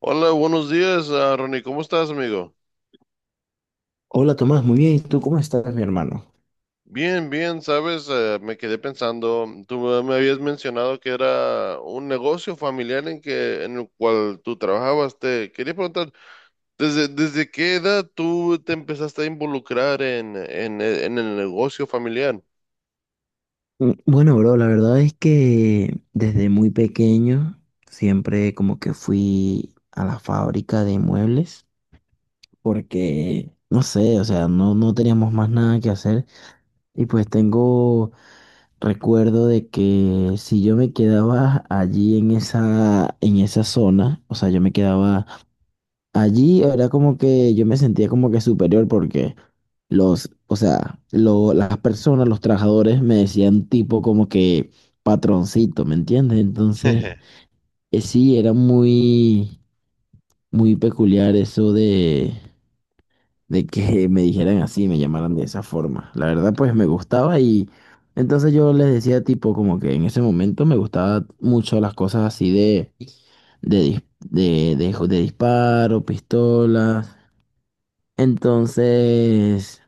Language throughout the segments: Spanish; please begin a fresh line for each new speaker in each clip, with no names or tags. Hola, buenos días, Ronnie. ¿Cómo estás, amigo?
Hola Tomás, muy bien. ¿Y tú cómo estás, mi hermano?
Bien, bien, sabes, me quedé pensando, tú me habías mencionado que era un negocio familiar en el cual tú trabajabas. Te quería preguntar, desde qué edad tú te empezaste a involucrar en el negocio familiar?
Bueno, bro, la verdad es que desde muy pequeño siempre como que fui a la fábrica de muebles porque, no sé, o sea, no teníamos más nada que hacer y pues tengo recuerdo de que si yo me quedaba allí en esa zona, o sea, yo me quedaba allí. Era como que yo me sentía como que superior porque los, o sea, lo- las personas, los trabajadores me decían tipo como que patroncito, ¿me entiendes? Entonces, sí, era muy peculiar eso de que me dijeran así, me llamaran de esa forma. La verdad, pues me gustaba y entonces yo les decía tipo como que en ese momento me gustaban mucho las cosas así de, dis- de disparo, pistolas. Entonces,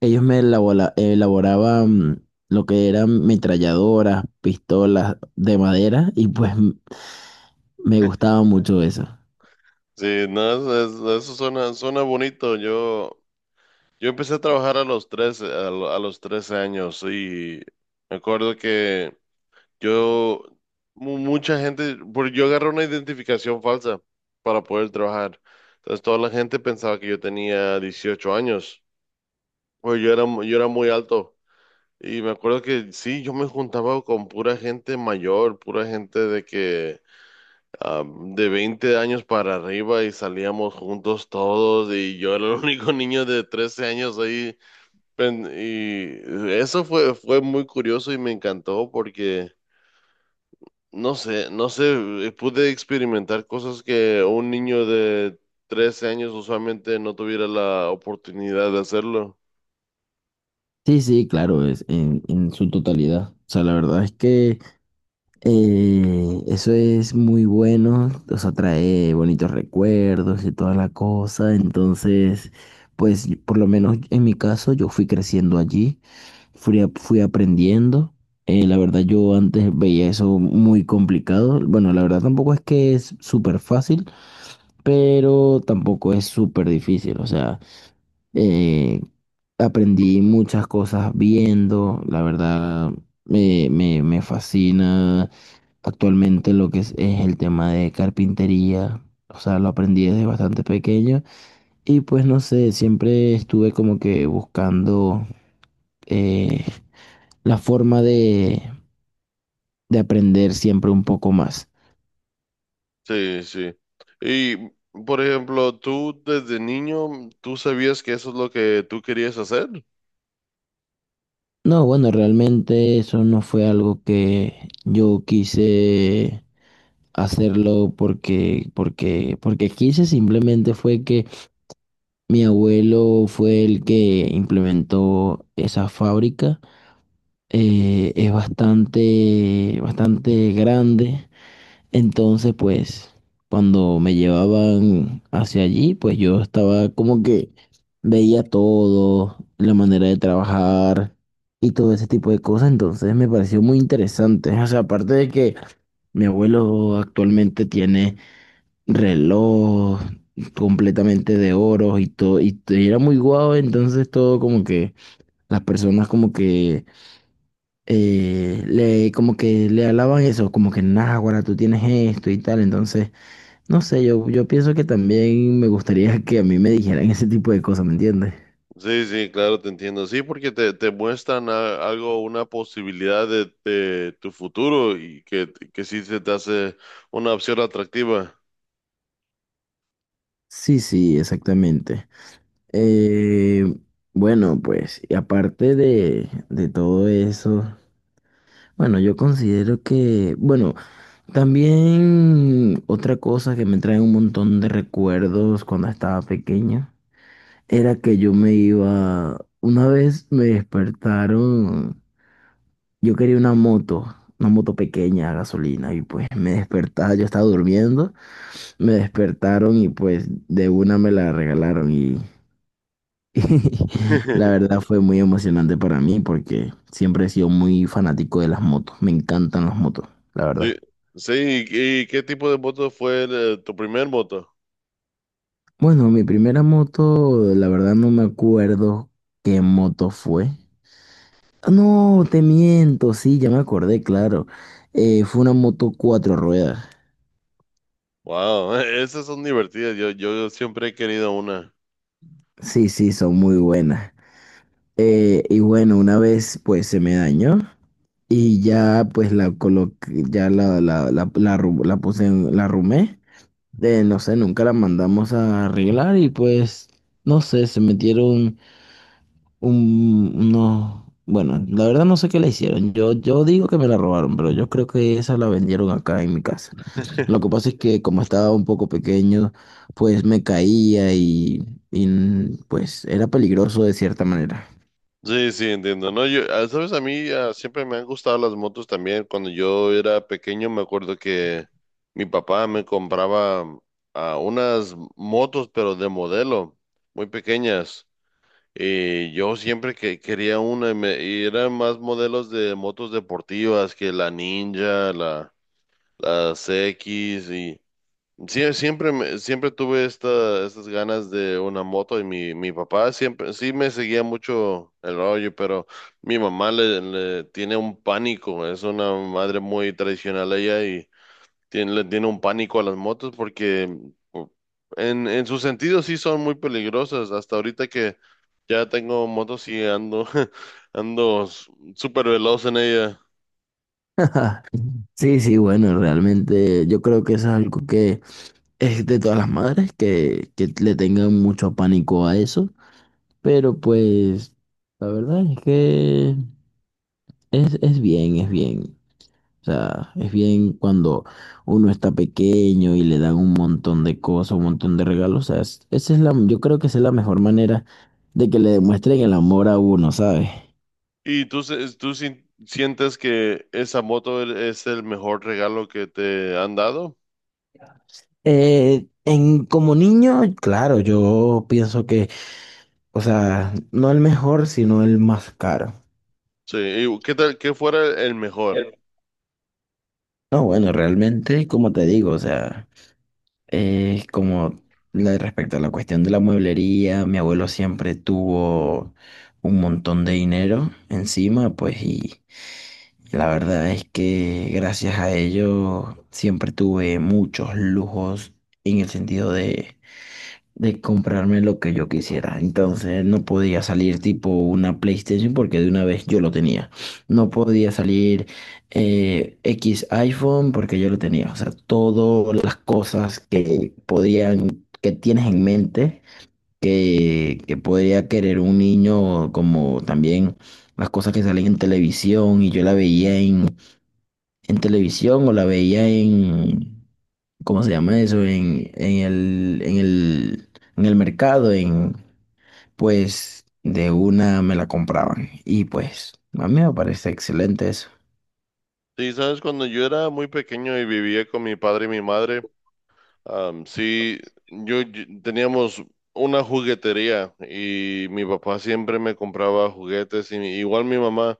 ellos elaboraban lo que eran metralladoras, pistolas de madera y me gustaba mucho eso.
Sí, no, eso suena bonito. Yo empecé a trabajar a los 13 años, y me acuerdo que Yo, mucha gente, porque yo agarré una identificación falsa para poder trabajar. Entonces toda la gente pensaba que yo tenía 18 años, pues yo era muy alto. Y me acuerdo que sí, yo me juntaba con pura gente mayor, pura gente de que de 20 años para arriba, y salíamos juntos todos, y yo era el único niño de 13 años ahí. Y eso fue muy curioso y me encantó porque... No sé, no sé, pude experimentar cosas que un niño de 13 años usualmente no tuviera la oportunidad de hacerlo.
Sí, sí, claro, es en su totalidad. O sea, la verdad es que eso es muy bueno, o sea, trae bonitos recuerdos y toda la cosa. Entonces, pues por lo menos en mi caso, yo fui creciendo allí. Fui aprendiendo. La verdad, yo antes veía eso muy complicado. Bueno, la verdad tampoco es que es súper fácil, pero tampoco es súper difícil. O sea, eh, aprendí muchas cosas viendo. La verdad, me fascina actualmente lo que es el tema de carpintería. O sea, lo aprendí desde bastante pequeño. Y pues no sé, siempre estuve como que buscando eh, la forma de aprender siempre un poco más.
Sí, sí. Y, por ejemplo, tú desde niño, ¿tú sabías que eso es lo que tú querías hacer?
No, bueno, realmente eso no fue algo que yo quise hacerlo porque quise, simplemente fue que mi abuelo fue el que implementó esa fábrica. Es bastante grande. Entonces, pues, cuando me llevaban hacia allí, pues yo estaba como que veía todo, la manera de trabajar y todo ese tipo de cosas. Entonces me pareció muy interesante. O sea, aparte de que mi abuelo actualmente tiene reloj completamente de oro y todo, y era muy guau, entonces todo como que las personas como que le como que le alaban eso, como que, nah, ahora tú tienes esto y tal, entonces no sé, yo pienso que también me gustaría que a mí me dijeran ese tipo de cosas, ¿me entiendes?
Sí, sí, claro, te entiendo. Sí, porque te muestran algo, una posibilidad de tu futuro, y que sí se te hace una opción atractiva.
Sí, sí, exactamente. Eh, bueno, pues, y aparte de todo eso, bueno, yo considero que, bueno, también otra cosa que me trae un montón de recuerdos cuando estaba pequeño era que yo me iba, una vez me despertaron. Yo quería una moto pequeña a gasolina y pues me despertaba, yo estaba durmiendo, me despertaron y pues de una me la regalaron, y, y la verdad fue muy emocionante para mí porque siempre he sido muy fanático de las motos, me encantan las motos, la
Sí,
verdad.
sí, y qué tipo de moto fue tu primer moto?
Bueno, mi primera moto, la verdad no me acuerdo qué moto fue. No, te miento, sí, ya me acordé, claro. Fue una moto cuatro ruedas.
Wow, esas son divertidas, yo siempre he querido una.
Sí, sí, son muy buenas. Y bueno, una vez pues se me dañó y ya pues la coloqué, la puse en, la arrumé. No sé, nunca la mandamos a arreglar y pues no sé, se metieron unos, bueno, la verdad no sé qué le hicieron. Yo digo que me la robaron, pero yo creo que esa la vendieron acá en mi casa. Lo que pasa es que como estaba un poco pequeño, pues me caía y pues era peligroso de cierta manera.
Sí, sí, entiendo, ¿no? Sabes, a mí siempre me han gustado las motos también. Cuando yo era pequeño me acuerdo que mi papá me compraba unas motos, pero de modelo, muy pequeñas. Y yo siempre que quería una, y eran más modelos de motos deportivas, que la Ninja, las X. Y sí, siempre tuve estas ganas de una moto, y mi papá siempre sí me seguía mucho el rollo, pero mi mamá le tiene un pánico. Es una madre muy tradicional, ella, y le tiene un pánico a las motos, porque u- en su sentido sí son muy peligrosas. Hasta ahorita que ya tengo motos y ando, ando s- súper veloz en ella.
Sí, sí, bueno, realmente yo creo que eso es algo que es de todas las madres que le tengan mucho pánico a eso, pero pues la verdad es que es bien, es bien. O sea, es bien cuando uno está pequeño y le dan un montón de cosas, un montón de regalos. O sea, esa es la, yo creo que esa es la mejor manera de que le demuestren el amor a uno, ¿sabes?
¿Y tú, tú sientes que esa moto es el mejor regalo que te han dado?
Como niño, claro, yo pienso que, o sea, no el mejor, sino el más caro.
Sí, ¿y qué tal, qué fuera el mejor?
El- No, bueno, realmente, como te digo, o sea, como respecto a la cuestión de la mueblería, mi abuelo siempre tuvo un montón de dinero encima, pues, y la verdad es que gracias a ello siempre tuve muchos lujos en el sentido de comprarme lo que yo quisiera. Entonces no podía salir tipo una PlayStation porque de una vez yo lo tenía. No podía salir X iPhone porque yo lo tenía. O sea, todas las cosas que podían, que tienes en mente, que podría querer un niño, como también las cosas que salen en televisión y yo la veía en televisión o la veía en... ¿cómo se llama eso? En el mercado, en, pues de una me la compraban. Y pues a mí me parece excelente eso.
Sí, sabes, cuando yo era muy pequeño y vivía con mi padre y mi madre, sí, teníamos una juguetería, y mi papá siempre me compraba juguetes, y igual mi mamá.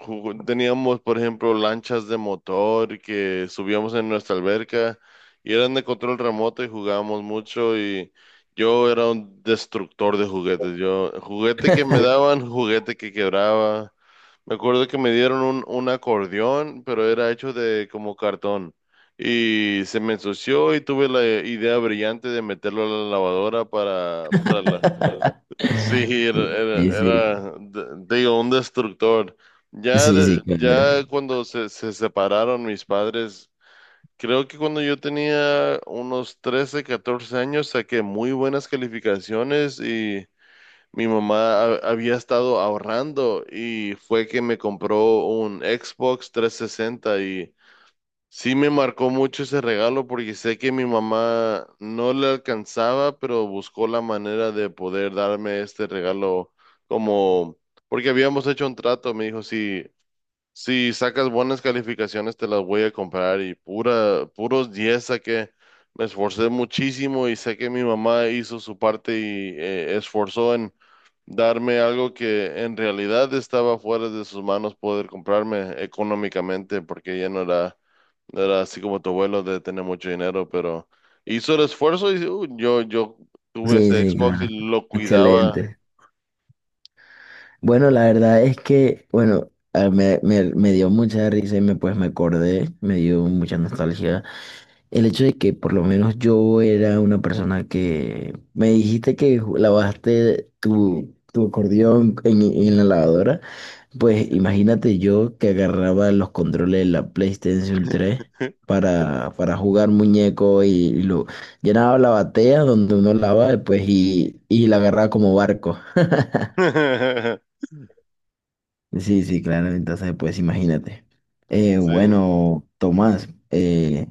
Teníamos, por ejemplo, lanchas de motor que subíamos en nuestra alberca, y eran de control remoto, y jugábamos mucho, y yo era un destructor de juguetes. Yo, juguete que me daban, juguete que quebraba. Me acuerdo que me dieron un acordeón, pero era hecho de como cartón y se me ensució, y tuve la idea brillante de meterlo a la lavadora. Sí,
Sí, sí,
digo, un destructor. Ya,
sí, sí,
de-
claro.
ya cuando se separaron mis padres, creo que cuando yo tenía unos 13, 14 años, saqué muy buenas calificaciones, y mi mamá había estado ahorrando y fue que me compró un Xbox 360. Y sí me marcó mucho ese regalo, porque sé que mi mamá no le alcanzaba, pero buscó la manera de poder darme este regalo, como, porque habíamos hecho un trato. Me dijo, si sacas buenas calificaciones te las voy a comprar, y puros 10 saqué. Me esforcé muchísimo, y sé que mi mamá hizo su parte y esforzó en darme algo que en realidad estaba fuera de sus manos poder comprarme económicamente, porque ella no era así como tu abuelo de tener mucho dinero, pero hizo el esfuerzo. Y yo tuve
Sí,
ese
sí,
Xbox
claro.
y lo cuidaba.
Excelente. Bueno, la verdad es que, bueno, me dio mucha risa y me, pues me acordé, me dio mucha nostalgia. El hecho de que por lo menos yo era una persona que me dijiste que lavaste tu acordeón en la lavadora, pues imagínate yo que agarraba los controles de la PlayStation 3 para jugar muñeco y lo llenaba la batea donde uno lava pues, y la agarraba como barco. Sí, sí, claro, entonces pues imagínate.
Sí.
Bueno, Tomás,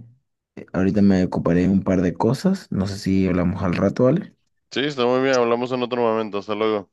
ahorita me ocuparé de un par de cosas, no sé si hablamos al rato, ¿vale?
Sí, está muy bien. Hablamos en otro momento. Hasta luego.